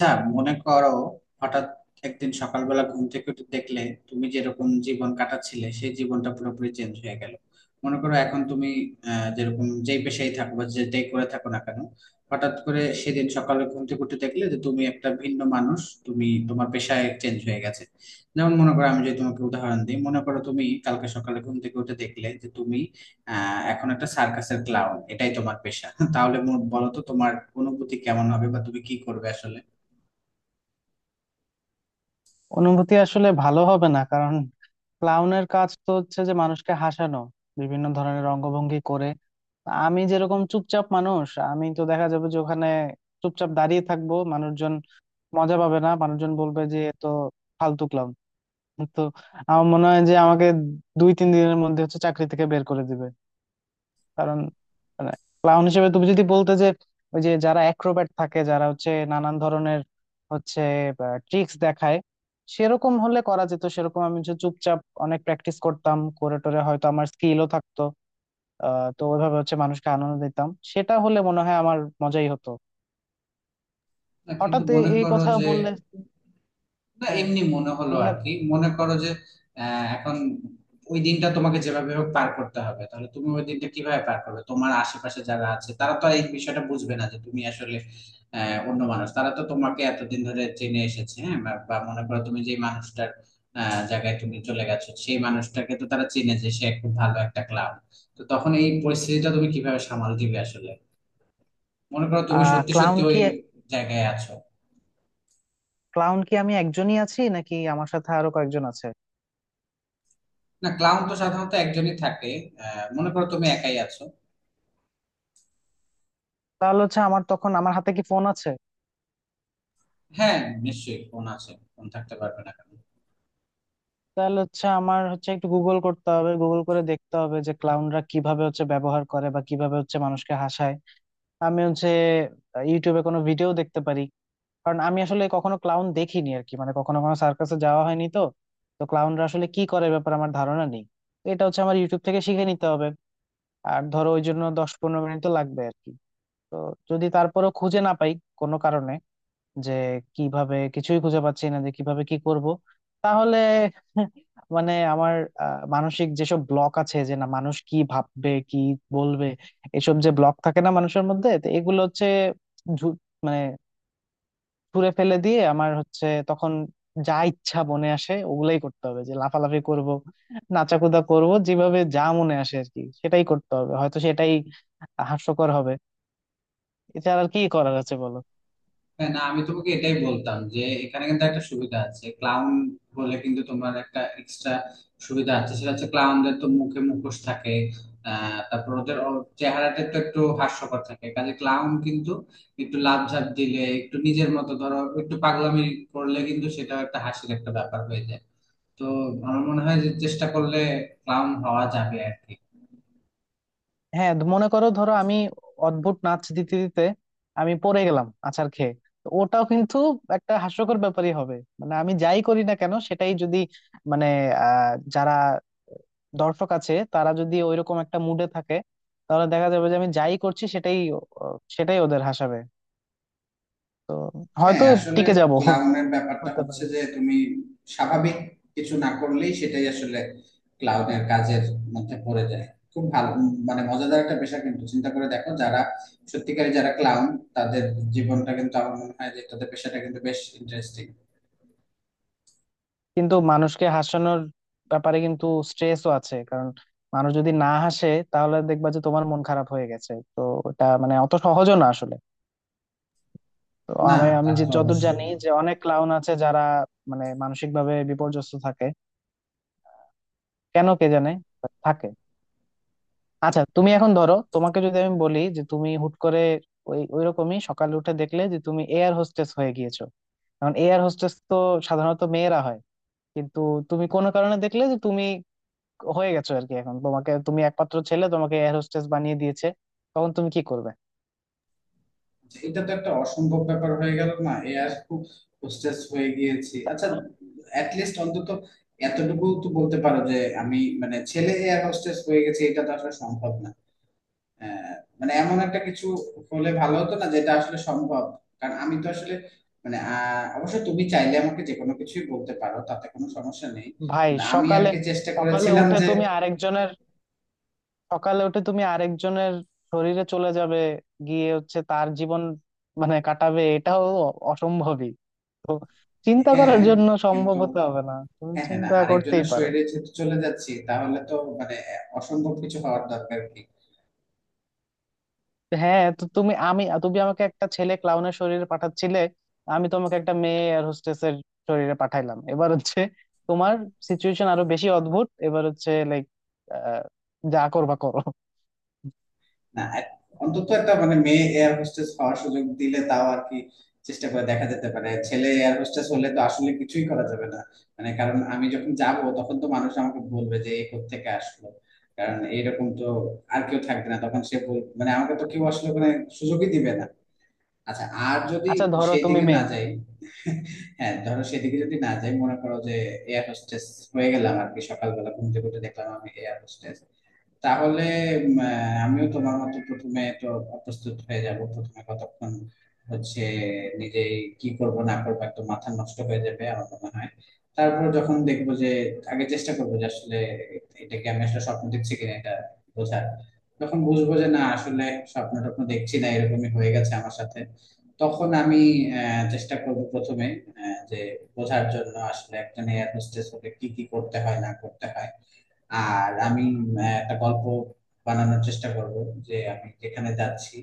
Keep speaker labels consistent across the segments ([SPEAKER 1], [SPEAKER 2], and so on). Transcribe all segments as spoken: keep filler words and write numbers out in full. [SPEAKER 1] আচ্ছা, মনে করো হঠাৎ একদিন সকালবেলা ঘুম থেকে উঠে দেখলে তুমি যেরকম জীবন কাটাচ্ছিলে সেই জীবনটা পুরোপুরি চেঞ্জ হয়ে গেল। মনে করো এখন তুমি আহ, যেরকম যেই পেশায় থাকো বা যেটাই করে থাকো না কেন হঠাৎ করে সেদিন সকালে ঘুম থেকে উঠে দেখলে যে তুমি একটা ভিন্ন মানুষ, তুমি তোমার পেশায় চেঞ্জ হয়ে গেছে। যেমন মনে করো আমি যদি তোমাকে উদাহরণ দিই, মনে করো তুমি কালকে সকালে ঘুম থেকে উঠে দেখলে যে তুমি আহ এখন একটা সার্কাসের ক্লাউন, এটাই তোমার পেশা। তাহলে মো- বলো তো তোমার অনুভূতি কেমন হবে বা তুমি কি করবে আসলে।
[SPEAKER 2] অনুভূতি আসলে ভালো হবে না, কারণ ক্লাউনের কাজ তো হচ্ছে যে মানুষকে হাসানো, বিভিন্ন ধরনের অঙ্গভঙ্গি করে। আমি যেরকম চুপচাপ মানুষ, আমি তো দেখা যাবে যে ওখানে চুপচাপ দাঁড়িয়ে থাকবো। মানুষজন মজা পাবে না, মানুষজন বলবে যে এ তো ফালতু ক্লাউন। তো আমার মনে হয় যে আমাকে দুই তিন দিনের মধ্যে হচ্ছে চাকরি থেকে বের করে দিবে। কারণ মানে ক্লাউন হিসেবে তুমি যদি বলতে যে ওই যে যারা অ্যাক্রোব্যাট থাকে, যারা হচ্ছে নানান ধরনের হচ্ছে ট্রিক্স দেখায়, সেরকম হলে করা যেত। সেরকম আমি হচ্ছে চুপচাপ অনেক প্র্যাকটিস করতাম, করে টোরে হয়তো আমার স্কিলও থাকতো। আহ তো ওইভাবে হচ্ছে মানুষকে আনন্দ দিতাম, সেটা হলে মনে হয় আমার মজাই হতো।
[SPEAKER 1] না কিন্তু
[SPEAKER 2] হঠাৎ এ-
[SPEAKER 1] মনে
[SPEAKER 2] এই
[SPEAKER 1] করো
[SPEAKER 2] কথা
[SPEAKER 1] যে,
[SPEAKER 2] বললে।
[SPEAKER 1] না
[SPEAKER 2] হ্যাঁ,
[SPEAKER 1] এমনি মনে হলো
[SPEAKER 2] মনে।
[SPEAKER 1] আর কি, মনে করো যে আহ, এখন ওই দিনটা তোমাকে যেভাবে হোক পার করতে হবে, তাহলে তুমি ওই দিনটা কিভাবে পার করবে? তোমার আশেপাশে যারা আছে তারা তো আর এই বিষয়টা বুঝবে না যে তুমি আসলে আহ, অন্য মানুষ, তারা তো তোমাকে এতদিন ধরে চেনে এসেছে, হ্যাঁ, বা বা মনে করো তুমি যে মানুষটার আহ, জায়গায় তুমি চলে গেছো সেই মানুষটাকে তো তারা চেনে যে সে খুব ভালো একটা ক্লাব। তো তখন এই পরিস্থিতিটা তুমি কিভাবে সামাল দিবে আসলে? মনে করো তুমি
[SPEAKER 2] আহ
[SPEAKER 1] সত্যি
[SPEAKER 2] ক্লাউন
[SPEAKER 1] সত্যি ওই
[SPEAKER 2] কি,
[SPEAKER 1] জায়গায় আছো।
[SPEAKER 2] ক্লাউন কি আমি একজনই আছি নাকি আমার সাথে আরো কয়েকজন আছে?
[SPEAKER 1] না, ক্লাউন তো সাধারণত একজনই থাকে। আহ, মনে করো তুমি একাই আছো।
[SPEAKER 2] তাহলে হচ্ছে আমার তখন আমার হাতে কি ফোন আছে?
[SPEAKER 1] হ্যাঁ, নিশ্চয়ই ফোন আছে, ফোন থাকতে পারবে না কেন?
[SPEAKER 2] তাহলে হচ্ছে আমার হচ্ছে একটু গুগল করতে হবে, গুগল করে দেখতে হবে যে ক্লাউনরা কিভাবে হচ্ছে ব্যবহার করে বা কিভাবে হচ্ছে মানুষকে হাসায়। আমি হচ্ছে ইউটিউবে কোনো ভিডিও দেখতে পারি, কারণ আমি আসলে কখনো ক্লাউন দেখিনি আর কি। মানে কখনো কখনো সার্কাসে যাওয়া হয়নি তো। তো ক্লাউনরা আসলে কি করে, এ ব্যাপারে আমার ধারণা নেই। তো এটা হচ্ছে আমার ইউটিউব থেকে শিখে নিতে হবে। আর ধরো ওই জন্য দশ পনেরো মিনিট তো লাগবে আর কি। তো যদি তারপরেও খুঁজে না পাই কোনো কারণে যে কিভাবে, কিছুই খুঁজে পাচ্ছি না যে কিভাবে কি করব, তাহলে মানে আমার আহ, মানসিক যেসব ব্লক আছে যে না মানুষ কি ভাববে, কি বলবে, এসব যে ব্লক থাকে না মানুষের মধ্যে, তো এগুলো হচ্ছে ঝু- মানে ছুঁড়ে ফেলে দিয়ে আমার হচ্ছে তখন যা ইচ্ছা মনে আসে ওগুলাই করতে হবে, যে লাফালাফি করব, নাচাকুদা করব, যেভাবে যা মনে আসে আর কি সেটাই করতে হবে। হয়তো সেটাই হাস্যকর হবে। এছাড়া আর কি করার আছে বলো?
[SPEAKER 1] হ্যাঁ, না আমি তোমাকে এটাই বলতাম যে এখানে কিন্তু একটা সুবিধা আছে, ক্লাউন বলে কিন্তু তোমার একটা এক্সট্রা সুবিধা আছে, সেটা হচ্ছে ক্লাউনদের তো মুখে মুখোশ থাকে। আহ তারপর ওদের ও- চেহারাটা তো একটু হাস্যকর থাকে, কাজে ক্লাউন কিন্তু একটু লাফঝাপ দিলে, একটু নিজের মতো ধরো একটু পাগলামি করলে কিন্তু সেটাও একটা হাসির একটা ব্যাপার হয়ে যায়। তো আমার মনে হয় যে চেষ্টা করলে ক্লাউন হওয়া যাবে আর কি।
[SPEAKER 2] হ্যাঁ, মনে করো, ধরো আমি অদ্ভুত নাচ দিতে দিতে আমি পড়ে গেলাম আছাড় খেয়ে, তো ওটাও কিন্তু একটা হাস্যকর ব্যাপারই হবে। মানে আমি যাই করি না কেন, সেটাই যদি মানে আহ যারা দর্শক আছে তারা যদি ওইরকম একটা মুডে থাকে, তাহলে দেখা যাবে যে আমি যাই করছি সেটাই ও- সেটাই ওদের হাসাবে। তো
[SPEAKER 1] হ্যাঁ,
[SPEAKER 2] হয়তো
[SPEAKER 1] আসলে
[SPEAKER 2] টিকে যাব,
[SPEAKER 1] ক্লাউনের ব্যাপারটা
[SPEAKER 2] হতে
[SPEAKER 1] হচ্ছে
[SPEAKER 2] পারে।
[SPEAKER 1] যে তুমি স্বাভাবিক কিছু না করলেই সেটাই আসলে ক্লাউনের কাজের মধ্যে পড়ে যায়। খুব ভালো উম, মানে মজাদার একটা পেশা, কিন্তু চিন্তা করে দেখো যারা সত্যিকারী যারা ক্লাউন তাদের জীবনটা কিন্তু, আমার মনে হয় যে তাদের পেশাটা কিন্তু বেশ ইন্টারেস্টিং।
[SPEAKER 2] কিন্তু মানুষকে হাসানোর ব্যাপারে কিন্তু স্ট্রেসও আছে, কারণ মানুষ যদি না হাসে তাহলে দেখবা যে তোমার মন খারাপ হয়ে গেছে। তো এটা মানে অত সহজও না আসলে। তো
[SPEAKER 1] না
[SPEAKER 2] আমি আমি
[SPEAKER 1] তা
[SPEAKER 2] যে
[SPEAKER 1] তো
[SPEAKER 2] যতদূর
[SPEAKER 1] অবশ্যই
[SPEAKER 2] জানি
[SPEAKER 1] না।
[SPEAKER 2] যে অনেক ক্লাউন আছে যারা মানে মানসিক ভাবে বিপর্যস্ত থাকে। কেন কে জানে, থাকে। আচ্ছা তুমি এখন ধরো, তোমাকে যদি আমি বলি যে তুমি হুট করে ওই ওইরকমই সকালে উঠে দেখলে যে তুমি এয়ার হোস্টেস হয়ে গিয়েছো। কারণ এয়ার হোস্টেস তো সাধারণত মেয়েরা হয়, কিন্তু তুমি কোনো কারণে দেখলে যে তুমি হয়ে গেছো আর কি। এখন তোমাকে, তুমি একমাত্র ছেলে, তোমাকে এয়ার হোস্টেস বানিয়ে দিয়েছে। তখন তুমি কি করবে?
[SPEAKER 1] এটা তো একটা অসম্ভব ব্যাপার হয়ে গেল না, এ আর খুব হোস্টেস হয়ে গিয়েছি আচ্ছা,
[SPEAKER 2] আহ,
[SPEAKER 1] অ্যাটলিস্ট অন্তত এতটুকু তো বলতে পারো যে আমি মানে ছেলে এয়ার হোস্টেস হয়ে গেছে এটা তো আসলে সম্ভব না। আহ, মানে এমন একটা কিছু হলে ভালো হতো না যেটা আসলে সম্ভব? কারণ আমি তো আসলে মানে আহ, অবশ্য তুমি চাইলে আমাকে যে কোনো কিছুই বলতে পারো, তাতে কোনো সমস্যা নেই,
[SPEAKER 2] ভাই,
[SPEAKER 1] কিন্তু আমি আর
[SPEAKER 2] সকালে
[SPEAKER 1] কি চেষ্টা
[SPEAKER 2] সকালে
[SPEAKER 1] করেছিলাম
[SPEAKER 2] উঠে
[SPEAKER 1] যে,
[SPEAKER 2] তুমি আরেকজনের, সকালে উঠে তুমি আরেকজনের শরীরে চলে যাবে, গিয়ে হচ্ছে তার জীবন মানে কাটাবে, এটাও অ- অসম্ভবই। তো চিন্তা করার
[SPEAKER 1] হ্যাঁ
[SPEAKER 2] জন্য সম্ভব
[SPEAKER 1] কিন্তু,
[SPEAKER 2] হতে হবে না, তুমি
[SPEAKER 1] হ্যাঁ হ্যাঁ না
[SPEAKER 2] চিন্তা করতেই
[SPEAKER 1] আরেকজনের
[SPEAKER 2] পারো।
[SPEAKER 1] শরীরে যেহেতু চলে যাচ্ছি তাহলে তো মানে আহ, অসম্ভব কিছু হওয়ার দরকার কি?
[SPEAKER 2] হ্যাঁ, তো তুমি আমি তুমি আমাকে একটা ছেলে ক্লাউনের শরীরে পাঠাচ্ছিলে, আমি তোমাকে একটা মেয়ে এয়ার হোস্টেসের শরীরে পাঠাইলাম। এবার হচ্ছে তোমার সিচুয়েশন আরো বেশি অদ্ভুত। এবার হচ্ছে লাইক যা করবা করো।
[SPEAKER 1] না এক- অন্তত একটা মানে মেয়ে এয়ার হোস্টেস হওয়ার সুযোগ দিলে তাও আর কি চেষ্টা করে দেখা যেতে পারে, ছেলে এয়ার হোস্টেস হলে তো আসলে কিছুই করা যাবে না। মানে কারণ আমি যখন যাব তখন তো মানুষ আমাকে বলবে যে এই থেকে আসলো, কারণ এইরকম তো আর কেউ থাকবে না, তখন সে বল- মানে আমাকে তো কেউ আসলে ওখানে সুযোগই দিবে না। আচ্ছা আর যদি
[SPEAKER 2] আচ্ছা, ধরো
[SPEAKER 1] সেই
[SPEAKER 2] তুমি
[SPEAKER 1] দিকে না
[SPEAKER 2] মেয়ে।
[SPEAKER 1] যাই হ্যাঁ ধরো সেদিকে যদি না যাই, মনে করো যে এয়ার হোস্টেস হয়ে গেলাম আর কি, সকালবেলা ঘুম থেকে উঠে দেখলাম আমি এয়ার হোস্টেস। তাহলে উম, আহ, আমিও তোমার মতো প্রথমে তো প্রস্তুত হয়ে যাব, প্রথমে কতক্ষণ হচ্ছে নিজে কি করব না করবো একদম মাথা নষ্ট হয়ে যাবে আমার মনে হয়। তারপর যখন দেখবো যে, আগে চেষ্টা করবো যে আসলে এটাকে আমি আসলে স্বপ্ন দেখছি কিনা এটা বোঝার। যখন বুঝবো যে না আসলে স্বপ্ন টপ্ন দেখছি না, এরকমই হয়ে গেছে আমার সাথে, তখন আমি আহ, চেষ্টা করব প্রথমে আহ, যে বোঝার জন্য আসলে একটা নিয়ে হোস্টেস হলে কি কি করতে হয় না করতে হয়। আর আমি উম, একটা গল্প বানানোর চেষ্টা করব যে আমি যেখানে যাচ্ছি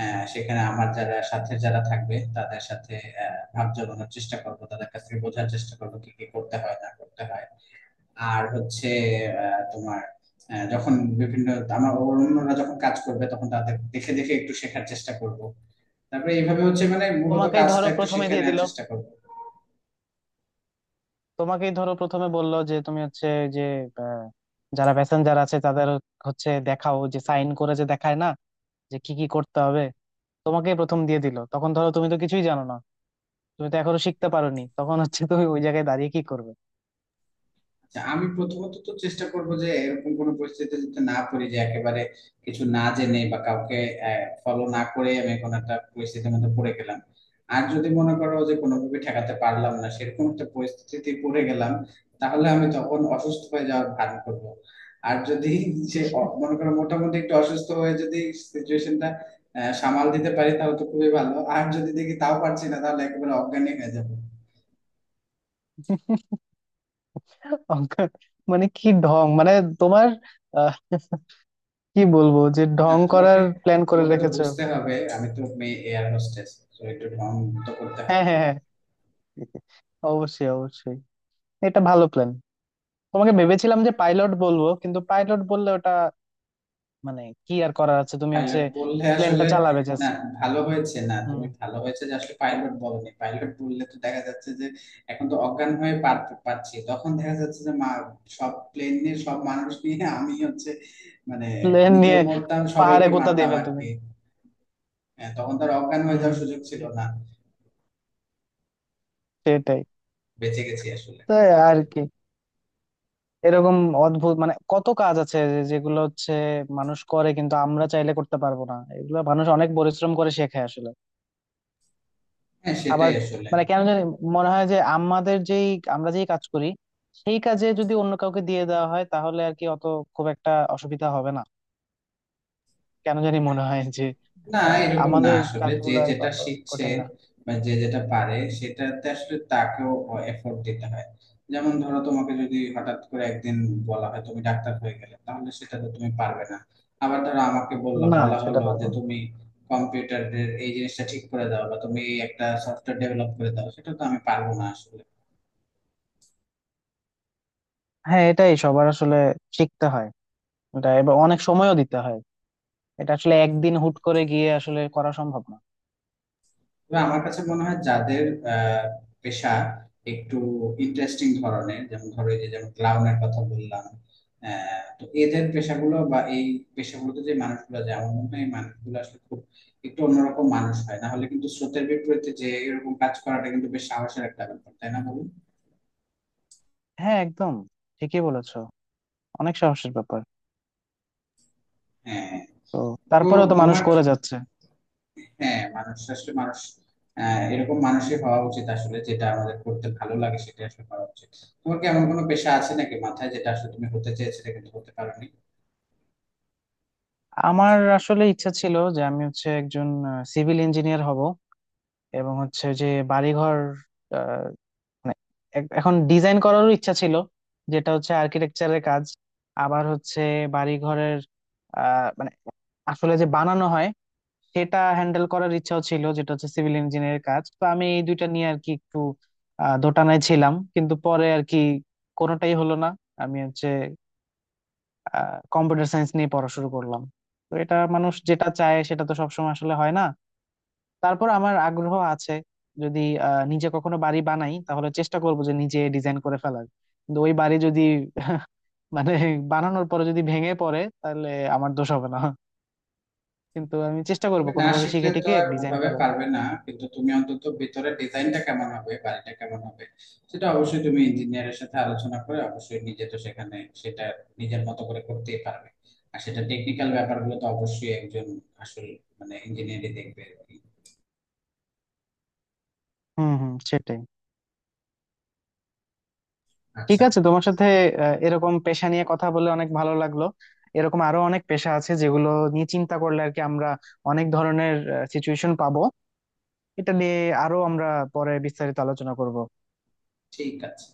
[SPEAKER 1] আহ, সেখানে আমার যারা সাথে যারা থাকবে তাদের সাথে আহ, ভাব জমানোর চেষ্টা করব, তাদের কাছ থেকে বোঝার চেষ্টা করব কি কি করতে হয় না করতে হয়। আর হচ্ছে আহ, তোমার আহ, যখন বিভিন্ন আমার অন্যরা যখন কাজ করবে তখন তাদের দেখে দেখে একটু শেখার চেষ্টা করব। তারপরে এইভাবে হচ্ছে মানে মূলত
[SPEAKER 2] তোমাকেই
[SPEAKER 1] কাজটা
[SPEAKER 2] ধরো
[SPEAKER 1] একটু
[SPEAKER 2] প্রথমে
[SPEAKER 1] শিখে
[SPEAKER 2] দিয়ে দিল,
[SPEAKER 1] নেওয়ার চেষ্টা করব।
[SPEAKER 2] তোমাকেই ধরো প্রথমে বললো যে তুমি হচ্ছে যে আহ, যারা প্যাসেঞ্জার আছে তাদের হচ্ছে দেখাও, যে সাইন করে যে দেখায় না যে কি কি করতে হবে, তোমাকেই প্রথম দিয়ে দিল। তখন ধরো তুমি তো কিছুই জানো না, তুমি তো এখনো শিখতে পারোনি, তখন হচ্ছে তুমি ওই জায়গায়।
[SPEAKER 1] আচ্ছা আমি প্রথমত তো চেষ্টা করব যে এরকম কোনো পরিস্থিতিতে যাতে না পড়ি, যে একেবারে কিছু না জেনে বা কাউকে ফলো না করে আমি কোনো একটা পরিস্থিতির মধ্যে পড়ে গেলাম। আর যদি মনে করো যে কোনোভাবে ঠেকাতে পারলাম না, সেরকম একটা পরিস্থিতিতে পড়ে গেলাম, তাহলে আমি তখন অসুস্থ হয়ে যাওয়ার ভান করব। আর যদি সে অ- মনে করো মোটামুটি একটু অসুস্থ হয়ে যদি সিচুয়েশনটা সামাল দিতে পারি তাহলে তো খুবই ভালো, আর যদি দেখি তাও পারছি না তাহলে একেবারে অজ্ঞানী হয়ে যাবো।
[SPEAKER 2] অঙ্ক মানে কি ঢং, মানে তোমার আহ, কি বলবো যে
[SPEAKER 1] না,
[SPEAKER 2] ঢং
[SPEAKER 1] তোমাকে
[SPEAKER 2] করার প্ল্যান করে
[SPEAKER 1] তোমাকে তো
[SPEAKER 2] রেখেছো?
[SPEAKER 1] বুঝতে হবে আমি তো মেয়ে এয়ার হোস্টেস, তো একটু ঢং তো করতে হবে।
[SPEAKER 2] হ্যাঁ হ্যাঁ হ্যাঁ, অবশ্যই অবশ্যই, এটা ভালো প্ল্যান। তোমাকে ভেবেছিলাম যে পাইলট বলবো, কিন্তু পাইলট বললে ওটা মানে কি আর করার আছে, তুমি হচ্ছে
[SPEAKER 1] পাইলট বললে
[SPEAKER 2] প্লেনটা
[SPEAKER 1] আসলে,
[SPEAKER 2] চালাবে
[SPEAKER 1] না
[SPEAKER 2] জাস্ট।
[SPEAKER 1] ভালো হয়েছে না,
[SPEAKER 2] হুম।
[SPEAKER 1] তুমি ভালো হয়েছে যে আসলে পাইলট বলনি, পাইলট বললে তো দেখা যাচ্ছে যে এখন তো অজ্ঞান হয়ে পার পাচ্ছি, তখন দেখা যাচ্ছে যে মা সব প্লেন নিয়ে সব মানুষ নিয়ে আমি হচ্ছে মানে
[SPEAKER 2] প্লেন
[SPEAKER 1] নিজেও
[SPEAKER 2] নিয়ে
[SPEAKER 1] মরতাম
[SPEAKER 2] পাহাড়ে
[SPEAKER 1] সবাইকে
[SPEAKER 2] গোতা
[SPEAKER 1] মারতাম
[SPEAKER 2] দেবে
[SPEAKER 1] আর
[SPEAKER 2] তুমি।
[SPEAKER 1] কি। হ্যাঁ, তখন তো আর অজ্ঞান হয়ে
[SPEAKER 2] হুম,
[SPEAKER 1] যাওয়ার সুযোগ ছিল
[SPEAKER 2] সে-
[SPEAKER 1] না,
[SPEAKER 2] সেটাই।
[SPEAKER 1] বেঁচে গেছি আসলে।
[SPEAKER 2] তো আর কি, এরকম অদ্ভুত মানে কত কাজ আছে যে- যেগুলো হচ্ছে মানুষ করে, কিন্তু আমরা চাইলে করতে পারবো না, এগুলো মানুষ অনেক পরিশ্রম করে শেখে আসলে।
[SPEAKER 1] হ্যাঁ সেটাই
[SPEAKER 2] আবার
[SPEAKER 1] আসলে,
[SPEAKER 2] মানে কেন জানি মনে হয় যে আমাদের যেই আমরা যেই কাজ করি সেই কাজে যদি অন্য কাউকে দিয়ে দেওয়া হয়, তাহলে আর কি অত, খুব একটা অসুবিধা হবে না। কেন জানি মনে হয় যে
[SPEAKER 1] না
[SPEAKER 2] আহ
[SPEAKER 1] এরকম না
[SPEAKER 2] আমাদের
[SPEAKER 1] আসলে, যে
[SPEAKER 2] কাজগুলো আর
[SPEAKER 1] যেটা
[SPEAKER 2] কত
[SPEAKER 1] শিখছে
[SPEAKER 2] কঠিন না।
[SPEAKER 1] বা যে যেটা পারে সেটাতে আসলে তাকেও এফোর্ট দিতে হয়। যেমন ধরো তোমাকে যদি হঠাৎ করে একদিন বলা হয় তুমি ডাক্তার হয়ে গেলে, তাহলে সেটা তো তুমি পারবে না। আবার ধরো আমাকে বললো
[SPEAKER 2] না,
[SPEAKER 1] বলা
[SPEAKER 2] সেটা
[SPEAKER 1] হলো যে
[SPEAKER 2] পারবো না।
[SPEAKER 1] তুমি কম্পিউটারের এই জিনিসটা ঠিক করে দাও বা তুমি এই একটা সফটওয়্যার ডেভেলপ করে দাও, সেটা তো আমি পারবো না আসলে।
[SPEAKER 2] হ্যাঁ, এটাই সবার আসলে শিখতে হয়, এটা এবার অনেক সময়ও দিতে হয়। এটা আসলে একদিন হুট করে গিয়ে আসলে করা সম্ভব না।
[SPEAKER 1] তবে আমার কাছে মনে হয় যাদের আহ, পেশা একটু ইন্টারেস্টিং ধরনের, যেমন ধরো এই যে যেমন ক্লাউনের কথা বললাম, আহ, তো এদের পেশাগুলো বা এই পেশাগুলোতে যে মানুষগুলো যায় আমার মনে হয় এই মানুষগুলো আসলে খুব একটু অন্যরকম মানুষ হয়, না হলে কিন্তু স্রোতের বিপরীতে যে এরকম কাজ করাটা কিন্তু বেশ সাহসের একটা ব্যাপার, তাই না বলুন?
[SPEAKER 2] হ্যাঁ, একদম ঠিকই বলেছো, অনেক সাহসের ব্যাপার।
[SPEAKER 1] হ্যাঁ
[SPEAKER 2] তো
[SPEAKER 1] তো
[SPEAKER 2] তারপরেও তো মানুষ
[SPEAKER 1] তোমার কি,
[SPEAKER 2] করে যাচ্ছে।
[SPEAKER 1] হ্যাঁ মানুষ আসলে মানুষ আহ, এরকম মানুষই হওয়া উচিত আসলে, যেটা আমাদের করতে ভালো লাগে সেটা আসলে করা উচিত। তোমার কি এমন কোনো পেশা আছে নাকি মাথায় যেটা আসলে তুমি হতে চেয়েছিলে কিন্তু হতে পারোনি?
[SPEAKER 2] আমার আসলে ইচ্ছা ছিল যে আমি হচ্ছে একজন সিভিল ইঞ্জিনিয়ার হব, এবং হচ্ছে যে বাড়িঘর আহ, মানে এ- এখন ডিজাইন করারও ইচ্ছা ছিল, যেটা হচ্ছে আর্কিটেকচারের কাজ। আবার হচ্ছে বাড়িঘরের আহ মানে আসলে যে বানানো হয় সেটা হ্যান্ডেল করার ইচ্ছাও ছিল, যেটা হচ্ছে সিভিল ইঞ্জিনিয়ারের কাজ। তো আমি এই দুইটা নিয়ে আর কি একটু আহ, দোটানায় ছিলাম, কিন্তু পরে আর কি কোনোটাই হলো না। আমি হচ্ছে কম্পিউটার সায়েন্স নিয়ে পড়া শুরু করলাম। তো এটা মানুষ যেটা চায় সেটা তো সবসময় আসলে হয় না। তারপর আমার আগ্রহ আছে, যদি আহ, নিজে কখনো বাড়ি বানাই তাহলে চেষ্টা করবো যে নিজে ডিজাইন করে ফেলার। কিন্তু ওই বাড়ি যদি মানে বানানোর পরে যদি ভেঙে পড়ে, তাহলে আমার দোষ হবে না। কিন্তু আমি চেষ্টা
[SPEAKER 1] তুমি
[SPEAKER 2] করবো
[SPEAKER 1] না
[SPEAKER 2] কোনোভাবে
[SPEAKER 1] শিখলে
[SPEAKER 2] শিখে
[SPEAKER 1] তো
[SPEAKER 2] টিকে
[SPEAKER 1] আর
[SPEAKER 2] ডিজাইন
[SPEAKER 1] ওভাবে
[SPEAKER 2] করার।
[SPEAKER 1] পারবে না, কিন্তু তুমি অন্তত ভিতরে ডিজাইনটা কেমন হবে, বাড়িটা কেমন হবে সেটা অবশ্যই তুমি ইঞ্জিনিয়ারের সাথে আলোচনা করে অবশ্যই নিজে তো সেখানে সেটা নিজের মতো করে করতেই পারবে। আর সেটা টেকনিক্যাল ব্যাপারগুলো তো অবশ্যই একজন আসল মানে ইঞ্জিনিয়ারই দেখবে আর কি।
[SPEAKER 2] হুম হুম, সেটাই। ঠিক
[SPEAKER 1] আচ্ছা,
[SPEAKER 2] আছে, তোমার সাথে আহ, এরকম পেশা নিয়ে কথা বলে অনেক ভালো লাগলো। এরকম আরো অনেক পেশা আছে যেগুলো নিয়ে চিন্তা করলে আর কি আমরা অনেক ধরনের সিচুয়েশন পাবো। এটা নিয়ে আরো আমরা পরে বিস্তারিত আলোচনা করব।
[SPEAKER 1] ঠিক আছে।